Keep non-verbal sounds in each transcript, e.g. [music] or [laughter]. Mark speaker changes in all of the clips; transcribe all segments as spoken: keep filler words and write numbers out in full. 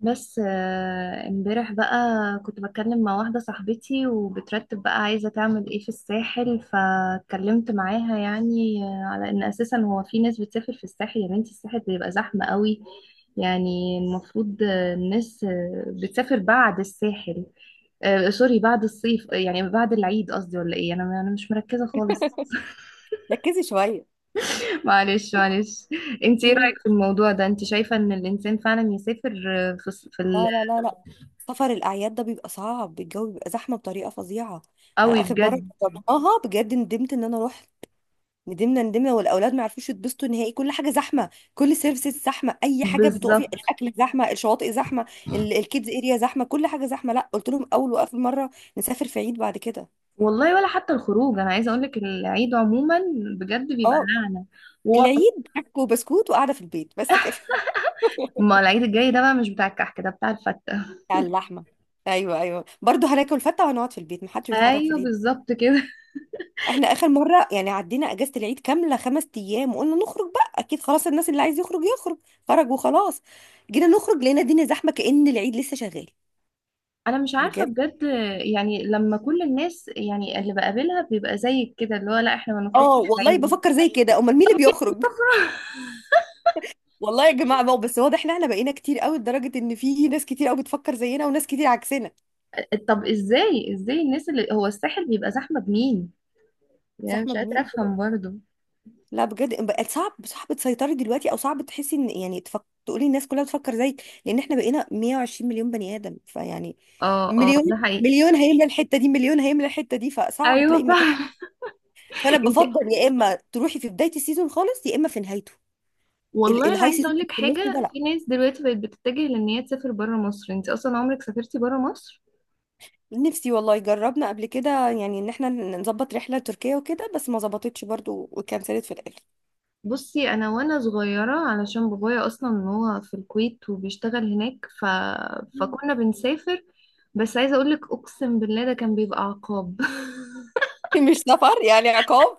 Speaker 1: بس آه، امبارح بقى كنت بتكلم مع واحدة صاحبتي وبترتب بقى عايزة تعمل ايه في الساحل، فاتكلمت معاها يعني آه، على ان اساسا هو في ناس بتسافر في الساحل. يا بنتي الساحل بيبقى زحمة قوي. يعني المفروض آه، الناس آه، بتسافر بعد الساحل، آه، سوري، بعد الصيف، آه، يعني بعد العيد قصدي، ولا ايه؟ انا انا مش مركزة خالص. [laughs]
Speaker 2: ركزي شويه.
Speaker 1: معلش معلش. انت ايه رأيك
Speaker 2: مم.
Speaker 1: في الموضوع ده؟ انت شايفة ان الانسان فعلا يسافر آه، في الص- في ال-
Speaker 2: لا، لا، لا، لا، طبعا. سفر الاعياد ده بيبقى صعب، الجو بيبقى زحمه بطريقه فظيعه. انا
Speaker 1: قوي،
Speaker 2: اخر مره
Speaker 1: بجد.
Speaker 2: جربناها بجد ندمت ان انا رحت. ندمنا ندمنا والاولاد ما عرفوش يتبسطوا نهائي، كل حاجه زحمه، كل سيرفيسز زحمه، اي حاجه بتقفي،
Speaker 1: بالظبط.
Speaker 2: الاكل زحمه، الشواطئ زحمه، ال- الكيدز اريا زحمه، كل حاجه زحمه. لا، قلت لهم اول واخر مره نسافر في عيد بعد كده.
Speaker 1: والله ولا حتى الخروج، انا عايزه اقول لك العيد عموما بجد بيبقى
Speaker 2: اه،
Speaker 1: نعنى و...
Speaker 2: العيد حك وبسكوت وقاعده في البيت بس كده. [laughs]
Speaker 1: ما العيد الجاي ده بقى مش بتاع الكحك، ده بتاع الفته.
Speaker 2: على اللحمه. ايوه، ايوه، برضه هناكل فته وهنقعد في البيت، محدش بيتحرك في
Speaker 1: ايوه
Speaker 2: العيد.
Speaker 1: بالظبط كده. [laughs]
Speaker 2: احنا اخر مرة يعني عدينا اجازة العيد كاملة خمس ايام وقلنا نخرج بقى، اكيد خلاص الناس اللي عايز يخرج يخرج. خرج وخلاص. جينا نخرج لقينا الدنيا زحمة كأن العيد لسه شغال.
Speaker 1: انا مش عارفه
Speaker 2: بجد.
Speaker 1: بجد، يعني لما كل الناس يعني اللي بقابلها بيبقى زيك كده، اللي هو لا، احنا ما
Speaker 2: اه
Speaker 1: نخرجش في
Speaker 2: والله
Speaker 1: العيد.
Speaker 2: بفكر زي كده، امال مين اللي بيخرج؟ والله يا جماعة بقى، بس واضح ان احنا بقينا كتير قوي لدرجة ان في ناس كتير قوي بتفكر زينا وناس كتير عكسنا.
Speaker 1: طب ازاي ازاي الناس اللي هو الساحل بيبقى زحمه بمين؟ يعني
Speaker 2: زحمة
Speaker 1: مش قادره
Speaker 2: بمين؟
Speaker 1: افهم برضه.
Speaker 2: لا بجد، بقت صعب، صعب تسيطري دلوقتي، او صعب تحسي ان، يعني، تفك... تقولي الناس كلها بتفكر زيك، لان احنا بقينا 120 مليون بني ادم، فيعني.
Speaker 1: اه اه،
Speaker 2: مليون.
Speaker 1: ده حقيقي.
Speaker 2: مليون هيملى الحته دي، مليون هيملى الحته دي، فصعب تلاقي
Speaker 1: ايوه
Speaker 2: مكان.
Speaker 1: فعلا.
Speaker 2: فانا
Speaker 1: [laughs] انت،
Speaker 2: بفضل يا اما تروحي في بدايه السيزون خالص يا اما في نهايته. ال-
Speaker 1: والله انا
Speaker 2: الهاي
Speaker 1: عايزه
Speaker 2: سيزون
Speaker 1: اقول
Speaker 2: اللي
Speaker 1: لك
Speaker 2: في النص
Speaker 1: حاجه.
Speaker 2: ده لا.
Speaker 1: في ناس دلوقتي بقت بتتجه لان هي تسافر بره مصر. انت اصلا عمرك سافرتي بره مصر؟
Speaker 2: نفسي والله، جربنا قبل كده يعني ان احنا نظبط رحله لتركيا وكده، بس ما ظبطتش برضو وكنسلت في الاخر.
Speaker 1: بصي، انا وانا صغيره علشان بابايا اصلا هو في الكويت وبيشتغل هناك، ف... فكنا
Speaker 2: [laughs]
Speaker 1: بنسافر. بس عايزه اقول لك، اقسم بالله ده كان بيبقى عقاب. [laughs]
Speaker 2: مش سفر يعني، عقاب.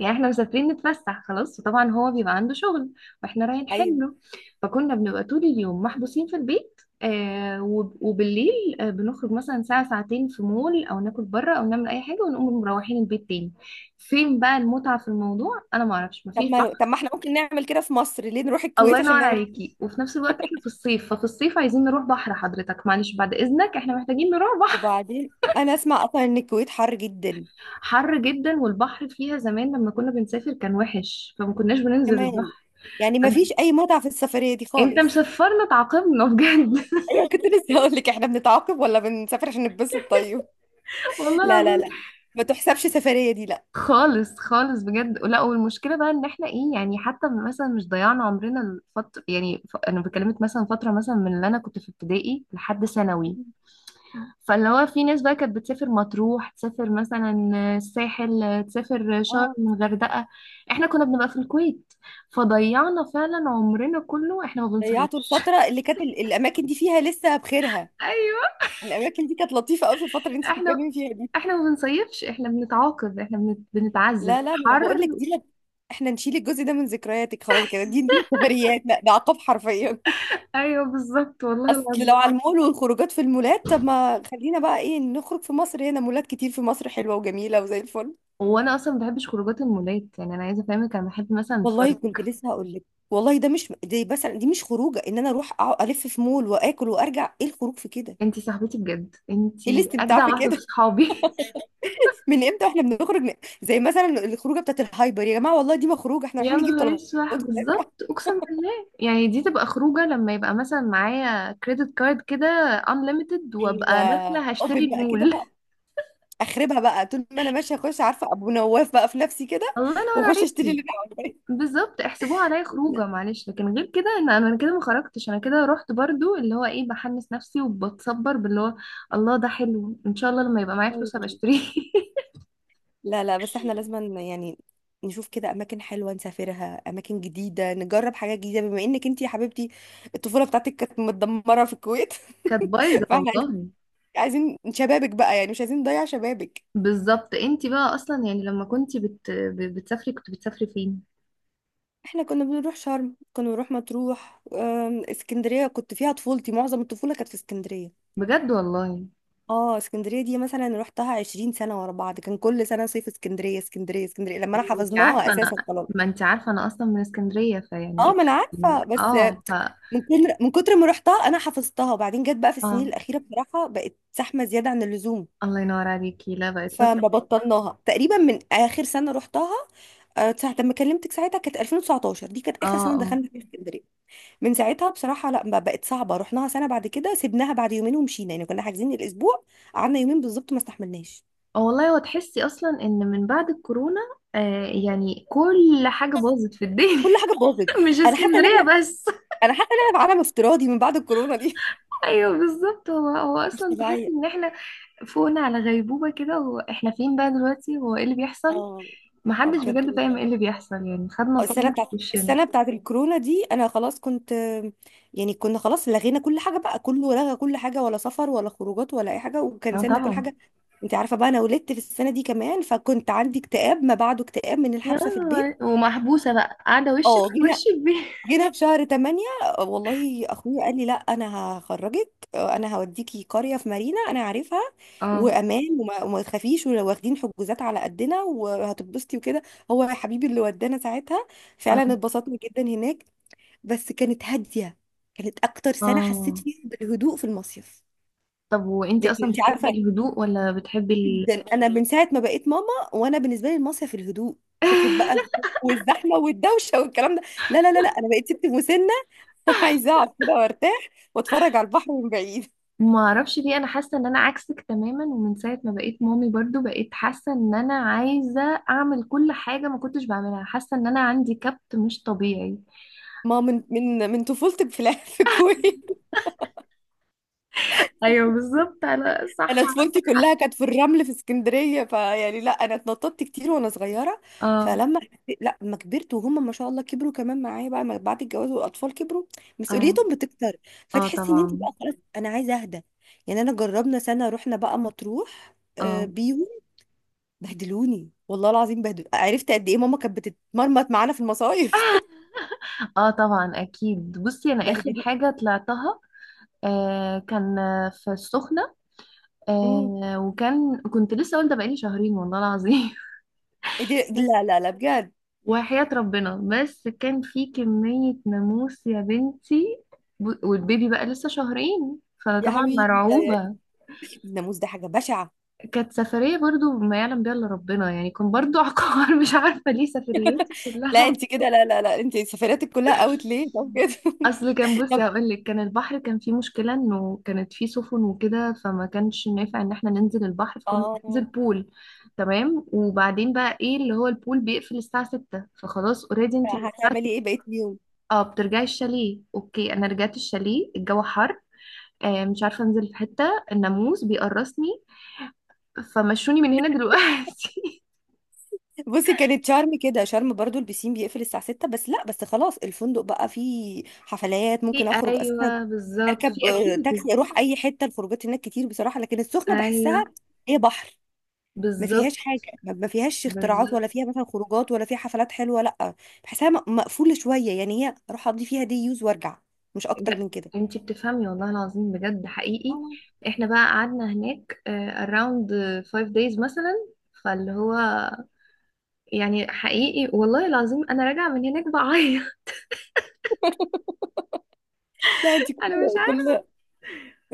Speaker 1: يعني احنا مسافرين نتفسح خلاص، وطبعا هو بيبقى عنده شغل، واحنا رايحين
Speaker 2: ايوه.
Speaker 1: حله. فكنا بنبقى طول اليوم محبوسين في البيت، آه وب- وبالليل آه بنخرج مثلا ساعة ساعتين في مول، او ناكل بره، او نعمل اي حاجة، ونقوم مروحين البيت تاني. فين بقى المتعة في الموضوع؟ انا ما اعرفش،
Speaker 2: طب
Speaker 1: مفيش
Speaker 2: ما
Speaker 1: بحر.
Speaker 2: طب ما احنا ممكن نعمل كده في مصر، ليه نروح
Speaker 1: الله
Speaker 2: الكويت
Speaker 1: ينور
Speaker 2: عشان نعمل؟
Speaker 1: عليكي. وفي نفس الوقت احنا في الصيف، ففي الصيف عايزين نروح بحر. حضرتك معلش، بعد اذنك، احنا محتاجين نروح بحر.
Speaker 2: وبعدين انا اسمع اصلا ان الكويت حر جدا.
Speaker 1: حر جدا، والبحر فيها زمان لما كنا بنسافر كان وحش، فما كناش بننزل
Speaker 2: كمان،
Speaker 1: البحر.
Speaker 2: يعني ما فيش اي متعه في السفريه دي
Speaker 1: انت
Speaker 2: خالص.
Speaker 1: مشفرنا، تعاقبنا بجد. [laughs]
Speaker 2: ايوه، كنت لسه هقول لك، احنا بنتعاقب ولا بنسافر عشان نتبسط؟ طيب،
Speaker 1: والله
Speaker 2: لا لا
Speaker 1: العظيم.
Speaker 2: لا، ما تحسبش سفرية دي لا.
Speaker 1: خالص خالص، بجد لا. والمشكله بقى ان احنا ايه، يعني حتى مثلا مش ضيعنا عمرنا الفتره، يعني ف... انا بكلمك مثلا فتره مثلا من اللي انا كنت في ابتدائي لحد ثانوي، فاللي هو في ناس بقى كانت بتسافر مطروح، تسافر مثلا الساحل، تسافر شرم،
Speaker 2: اه.
Speaker 1: الغردقه. احنا كنا بنبقى في الكويت، فضيعنا فعلا عمرنا كله، احنا ما
Speaker 2: ضيعتوا
Speaker 1: بنصيفش.
Speaker 2: الفترة اللي كانت ال- الاماكن دي فيها لسه بخيرها.
Speaker 1: [laughs] ايوه.
Speaker 2: الاماكن دي كانت لطيفة قوي في الفترة اللي انت
Speaker 1: احنا
Speaker 2: بتتكلمي فيها دي.
Speaker 1: احنا ما بنصيفش، احنا بنتعاقب، احنا بنت... بنتعذب
Speaker 2: لا لا، ما انا بقول
Speaker 1: حر.
Speaker 2: لك دي لك. احنا نشيل الجزء ده من ذكرياتك خلاص كده، دي دي سفريات لا، ده عقاب حرفيا.
Speaker 1: ايوه بالظبط،
Speaker 2: [laughs]
Speaker 1: والله
Speaker 2: اصل لو
Speaker 1: العظيم.
Speaker 2: على المول والخروجات في المولات، طب ما خلينا بقى ايه نخرج في مصر، هنا مولات كتير في مصر حلوة وجميلة وزي الفل.
Speaker 1: وانا اصلا ما بحبش خروجات المولات، يعني انا عايزه افهمك، انا بحب مثلا
Speaker 2: والله
Speaker 1: الفرد.
Speaker 2: كنت لسه هقول لك. والله ده مش، دي مثلا دي مش خروجه ان انا اروح أقعد الف في مول واكل وارجع، ايه الخروج في كده؟
Speaker 1: انتي صاحبتي بجد،
Speaker 2: ايه
Speaker 1: انتي
Speaker 2: الاستمتاع
Speaker 1: اجدع
Speaker 2: في
Speaker 1: واحده في
Speaker 2: كده؟
Speaker 1: صحابي. [laughs]
Speaker 2: [laughs] من امتى واحنا بنخرج، ن- زي مثلا الخروجه بتاعت الهايبر، يا جماعه، والله دي ما خروجه، احنا
Speaker 1: يا
Speaker 2: رايحين نجيب
Speaker 1: نهار
Speaker 2: طلبات
Speaker 1: اسود،
Speaker 2: ونرجع.
Speaker 1: بالظبط، اقسم بالله، يعني دي تبقى خروجه لما يبقى مثلا معايا كريدت كارد كده unlimited،
Speaker 2: ايوه.
Speaker 1: وابقى داخله
Speaker 2: [laughs]
Speaker 1: هشتري
Speaker 2: اوبن بقى كده بقى،
Speaker 1: المول.
Speaker 2: اخربها بقى طول ما انا ماشيه، اخش عارفه ابو نواف بقى في نفسي كده،
Speaker 1: [laughs] الله ينور
Speaker 2: واخش اشتري اللي
Speaker 1: عليكي.
Speaker 2: انا
Speaker 1: بالظبط، احسبوها عليا خروجه. معلش، لكن غير كده، ان انا كده ما خرجتش، انا كده رحت برضو، اللي هو ايه، بحمس نفسي وبتصبر باللي هو الله ده حلو، ان شاء الله لما يبقى معايا فلوس هبقى
Speaker 2: عاوزاه.
Speaker 1: اشتريه. [laughs]
Speaker 2: لا لا، بس احنا لازم يعني نشوف كده اماكن حلوه نسافرها، اماكن جديده نجرب حاجات جديده، بما انك انت يا حبيبتي الطفوله بتاعتك كانت متدمره في الكويت.
Speaker 1: كانت
Speaker 2: [laughs]
Speaker 1: بايظه
Speaker 2: فاحنا عايزين،
Speaker 1: والله.
Speaker 2: عايزين شبابك بقى يعني، مش عايزين نضيع شبابك.
Speaker 1: بالظبط، انتي بقى اصلا يعني لما كنتي بت... ب- بتسافري كنت بتسافري فين؟
Speaker 2: احنا كنا بنروح شرم، كنا بنروح مطروح، آم، اسكندريه، كنت فيها طفولتي، معظم الطفوله كانت في اسكندريه.
Speaker 1: بجد والله.
Speaker 2: اه، اسكندريه دي مثلا روحتها عشرين سنة سنه ورا بعض، كان كل سنه صيف اسكندريه اسكندريه اسكندريه لما انا
Speaker 1: ما انتي
Speaker 2: حفظناها
Speaker 1: عارفه انا
Speaker 2: اساسا خلاص.
Speaker 1: ما انتي عارفه انا اصلا من اسكندريه،
Speaker 2: اه،
Speaker 1: فيعني.
Speaker 2: ما انا عارفه،
Speaker 1: يعني
Speaker 2: بس
Speaker 1: اه ف
Speaker 2: من كتر من كتر ما رحتها انا حفظتها. وبعدين جت بقى في السنين
Speaker 1: اه.
Speaker 2: الاخيره بصراحه، بقت زحمه زياده عن اللزوم.
Speaker 1: الله ينور عليكي. لا، بقت لا
Speaker 2: فما
Speaker 1: تطاق.
Speaker 2: بطلناها تقريبا، من اخر سنه رحتها آه، ساعه لما كلمتك، ساعتها كانت الفين وتسعة عشر، دي كانت
Speaker 1: اه.
Speaker 2: اخر سنه
Speaker 1: آه.
Speaker 2: دخلنا فيها اسكندريه. من ساعتها بصراحه، لا، ما بقت صعبه، رحناها سنه بعد كده سيبناها بعد يومين ومشينا، يعني كنا حاجزين الاسبوع، قعدنا يومين بالظبط، ما استحملناش.
Speaker 1: اه والله، هو تحسي اصلا ان من بعد الكورونا، آه يعني كل حاجه باظت في الدنيا.
Speaker 2: كل حاجه باظت.
Speaker 1: [laughs] مش
Speaker 2: انا حاسه ان
Speaker 1: اسكندريه
Speaker 2: احنا
Speaker 1: بس.
Speaker 2: انا حاسه ان احنا في عالم افتراضي من بعد الكورونا دي.
Speaker 1: [laughs] ايوه بالظبط، هو هو
Speaker 2: [laughs] مش
Speaker 1: اصلا تحسي
Speaker 2: طبيعيه.
Speaker 1: ان احنا فوقنا على غيبوبه كده. هو احنا فين بقى دلوقتي؟ هو ايه اللي بيحصل؟
Speaker 2: اه، اه
Speaker 1: محدش
Speaker 2: بجد.
Speaker 1: بجد فاهم ايه اللي بيحصل، يعني خدنا
Speaker 2: السنه
Speaker 1: صدمه في
Speaker 2: بتاعت
Speaker 1: وشنا.
Speaker 2: السنه بتاعت الكورونا دي، انا خلاص كنت، يعني كنا خلاص لغينا كل حاجه بقى، كله لغى كل حاجه، ولا سفر ولا خروجات ولا اي حاجه،
Speaker 1: اه
Speaker 2: وكنسلنا كل
Speaker 1: طبعا.
Speaker 2: حاجه. انت عارفه بقى انا ولدت في السنه دي كمان، فكنت عندي اكتئاب ما بعده اكتئاب من
Speaker 1: يا،
Speaker 2: الحبسه في البيت.
Speaker 1: ومحبوسه بقى قاعده وشك
Speaker 2: اه،
Speaker 1: في وش
Speaker 2: جينا
Speaker 1: البيت.
Speaker 2: جينا في شهر تمانية والله، اخويا قال لي لا، انا هخرجك، انا هوديكي قريه في مارينا انا عارفها
Speaker 1: اه.
Speaker 2: وامان، وما, وما تخافيش، واخدين حجوزات على قدنا، وهتتبسطي وكده. هو يا حبيبي اللي ودانا ساعتها، فعلا
Speaker 1: اه.
Speaker 2: اتبسطنا جدا هناك، بس كانت هاديه، كانت اكتر سنه حسيت
Speaker 1: اه.
Speaker 2: فيها بالهدوء في المصيف.
Speaker 1: طب وانتي
Speaker 2: لان
Speaker 1: اصلا
Speaker 2: انت
Speaker 1: بتحبي
Speaker 2: عارفه
Speaker 1: الهدوء ولا بتحبي
Speaker 2: جدا، انا من ساعه ما بقيت ماما، وانا بالنسبه لي المصيف الهدوء، فكره بقى
Speaker 1: ال... [laughs]
Speaker 2: الخوف والزحمه والدوشه والكلام ده. لا لا لا لا، انا بقيت ست مسنه. [laughs] عايزة اقعد كده وارتاح واتفرج على البحر من بعيد.
Speaker 1: ما اعرفش ليه، انا حاسه ان انا عكسك تماما، ومن ساعه ما بقيت مامي برضو بقيت حاسه ان انا عايزه اعمل كل حاجه ما كنتش بعملها، حاسه ان انا عندي كبت مش طبيعي.
Speaker 2: ما من من من طفولتي في الع- [laughs] في الكويت.
Speaker 1: ايوه بالظبط، انا صح،
Speaker 2: انا
Speaker 1: عندك
Speaker 2: طفولتي
Speaker 1: حق.
Speaker 2: كلها كانت في الرمل في اسكندريه، فيعني لا، انا اتنططت كتير وانا صغيره.
Speaker 1: اه.
Speaker 2: فلما حسيت- لا، لما كبرت، وهم ما شاء الله كبروا كمان معايا بقى، ما- بعد الجواز والاطفال كبروا،
Speaker 1: اه.
Speaker 2: مسؤوليتهم بتكتر،
Speaker 1: اه
Speaker 2: فتحسي ان انت
Speaker 1: طبعا.
Speaker 2: بقى خلاص انا عايزه اهدى. يعني انا جربنا سنه رحنا بقى مطروح آه،
Speaker 1: اه.
Speaker 2: بيهم، بهدلوني والله العظيم، بهدلوني، عرفت قد ايه ماما كانت بتتمرمط معانا في المصايف.
Speaker 1: اه طبعا، اكيد. بصي
Speaker 2: [laughs]
Speaker 1: انا اخر
Speaker 2: بهدلوني.
Speaker 1: حاجه طلعتها آه كان آه، في السخنه، آه وكان كنت لسه والده بقالي شهرين والله العظيم.
Speaker 2: إيه؟
Speaker 1: [laughs]
Speaker 2: دي
Speaker 1: بس،
Speaker 2: لا لا لا بجد.
Speaker 1: وحياة ربنا، بس كان في كمية ناموس يا بنتي، ب- والبيبي بقى لسه شهرين،
Speaker 2: يا
Speaker 1: فطبعا
Speaker 2: حبيبي، ده
Speaker 1: مرعوبة.
Speaker 2: الناموس ده حاجة بشعة.
Speaker 1: كانت سفرية برضو ما يعلم بيها إلا ربنا، يعني كان برضو عقار. [laughs] مش عارفة ليه سفرياتي
Speaker 2: لا،
Speaker 1: كلها،
Speaker 2: انت كده، لا لا لا، انت سفرياتك كلها اوت ليه طب كده.
Speaker 1: أصل كان،
Speaker 2: [laughs]
Speaker 1: بصي
Speaker 2: طب.
Speaker 1: هقولك، كان البحر كان فيه مشكلة، إنه كانت فيه سفن وكده، فما كانش نافع إن احنا ننزل البحر، فكنا بننزل
Speaker 2: اه،
Speaker 1: بول. تمام، وبعدين بقى إيه، اللي هو البول بيقفل الساعة ستة، فخلاص اوريدي انتي من الساعة.
Speaker 2: هتعملي ايه بقيت اليوم؟
Speaker 1: اه بترجعي الشاليه، اوكي انا رجعت الشاليه، الجو حر، آه مش عارفه انزل في حته، الناموس بيقرصني، فمشوني من هنا دلوقتي.
Speaker 2: بصي كانت شرم كده، شرم برضو البسين بيقفل الساعة ستة، بس لا، بس خلاص الفندق بقى فيه حفلات
Speaker 1: [laughs] في،
Speaker 2: ممكن اخرج اساسا،
Speaker 1: ايوه بالظبط،
Speaker 2: اركب
Speaker 1: في
Speaker 2: آه،
Speaker 1: اكتيفيتيز.
Speaker 2: تاكسي اروح اي حتة، الخروجات هناك كتير بصراحة. لكن السخنة
Speaker 1: ايوه
Speaker 2: بحسها هي بحر، ما
Speaker 1: بالظبط،
Speaker 2: فيهاش حاجه، ما ما فيهاش اختراعات، ولا
Speaker 1: بالظبط
Speaker 2: فيها مثلا خروجات، ولا فيها حفلات حلوه، لا، بحسها م- مقفوله شويه يعني، هي اروح اقضي فيها دي يوز وارجع، مش اكتر
Speaker 1: جا-
Speaker 2: من كده.
Speaker 1: انتي بتفهمي، والله العظيم بجد حقيقي.
Speaker 2: آه،
Speaker 1: احنا بقى قعدنا هناك اراوند خمسة دايز مثلا، فاللي هو يعني حقيقي والله العظيم، انا راجعه من هناك بعيط.
Speaker 2: لا، انت
Speaker 1: [laughs]
Speaker 2: كل
Speaker 1: انا مش عارفه،
Speaker 2: كل،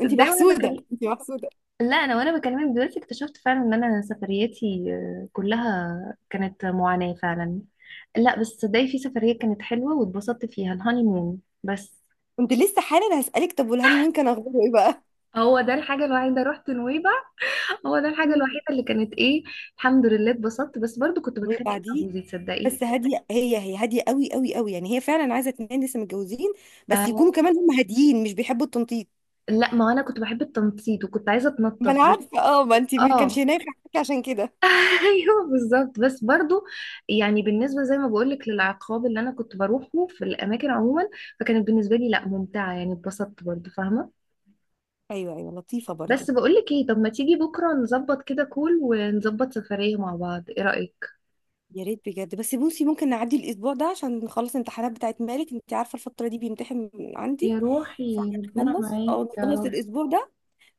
Speaker 2: انت
Speaker 1: وانا
Speaker 2: محسودة،
Speaker 1: بكلم.
Speaker 2: انت محسودة.
Speaker 1: لا، انا وانا بكلمك دلوقتي اكتشفت فعلا ان انا سفرياتي آه، كلها كانت معاناة فعلا. لا بس صدقني في سفرية كانت حلوة واتبسطت فيها، الهاني مون بس.
Speaker 2: كنت لسه حالا هسألك، طب والهاني مون كان اخباره ايه بقى؟
Speaker 1: هو ده الحاجة الوحيدة، رحت نويبع. هو ده
Speaker 2: [laughs]
Speaker 1: الحاجة
Speaker 2: مم.
Speaker 1: الوحيدة اللي كانت ايه، الحمد لله اتبسطت، بس برضو كنت بتخانق مع
Speaker 2: وبعديه
Speaker 1: جوزي تصدقي.
Speaker 2: بس هاديه، هي هي هاديه قوي قوي قوي يعني، هي فعلا عايزه اتنين لسه متجوزين بس يكونوا
Speaker 1: آه
Speaker 2: كمان هم هاديين مش بيحبوا التنطيط.
Speaker 1: لا، ما انا كنت بحب التنطيط وكنت عايزة
Speaker 2: ما
Speaker 1: اتنطط
Speaker 2: انا
Speaker 1: بس.
Speaker 2: عارفة اه، ما انت ما كانش
Speaker 1: اه.
Speaker 2: هناك عشان كده.
Speaker 1: [laughs] ايوه بالظبط، بس برضو يعني بالنسبه زي ما بقولك للعقاب اللي انا كنت بروحه في الاماكن عموما، فكانت بالنسبه لي لا ممتعه، يعني اتبسطت برضو فاهمه.
Speaker 2: ايوه، ايوه، لطيفه برضو.
Speaker 1: بس بقولك ايه، طب ما تيجي بكره نظبط كده كول، ونظبط سفريه مع بعض، ايه رايك؟
Speaker 2: يا ريت بجد، بس بصي ممكن نعدي الاسبوع ده عشان نخلص الامتحانات بتاعت مالك، انت عارفه الفتره دي بيمتحن عندي.
Speaker 1: يا روحي، ربنا
Speaker 2: فهنخلص
Speaker 1: معاك
Speaker 2: او
Speaker 1: يا
Speaker 2: نخلص
Speaker 1: رب.
Speaker 2: الاسبوع ده،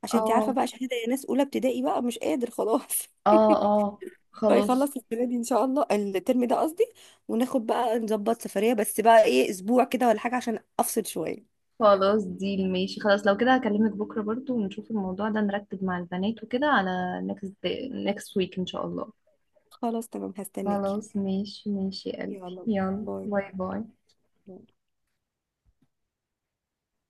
Speaker 2: عشان انت عارفه
Speaker 1: اه.
Speaker 2: بقى، شهاده يا ناس، اولى ابتدائي بقى مش قادر خلاص.
Speaker 1: اه. اه
Speaker 2: [laughs]
Speaker 1: خلاص.
Speaker 2: فيخلص السنه دي ان شاء الله، الترم ده قصدي، وناخد بقى نظبط سفريه، بس بقى ايه، اسبوع كده ولا حاجه، عشان افصل شويه.
Speaker 1: خلاص دي ماشي، خلاص لو كده هكلمك بكره برضو، ونشوف الموضوع ده، نرتب مع البنات وكده على next day next week ان شاء الله.
Speaker 2: خلاص تمام، هستناكي.
Speaker 1: خلاص، ماشي ماشي يا قلبي،
Speaker 2: يلا،
Speaker 1: يلا
Speaker 2: باي.
Speaker 1: باي باي.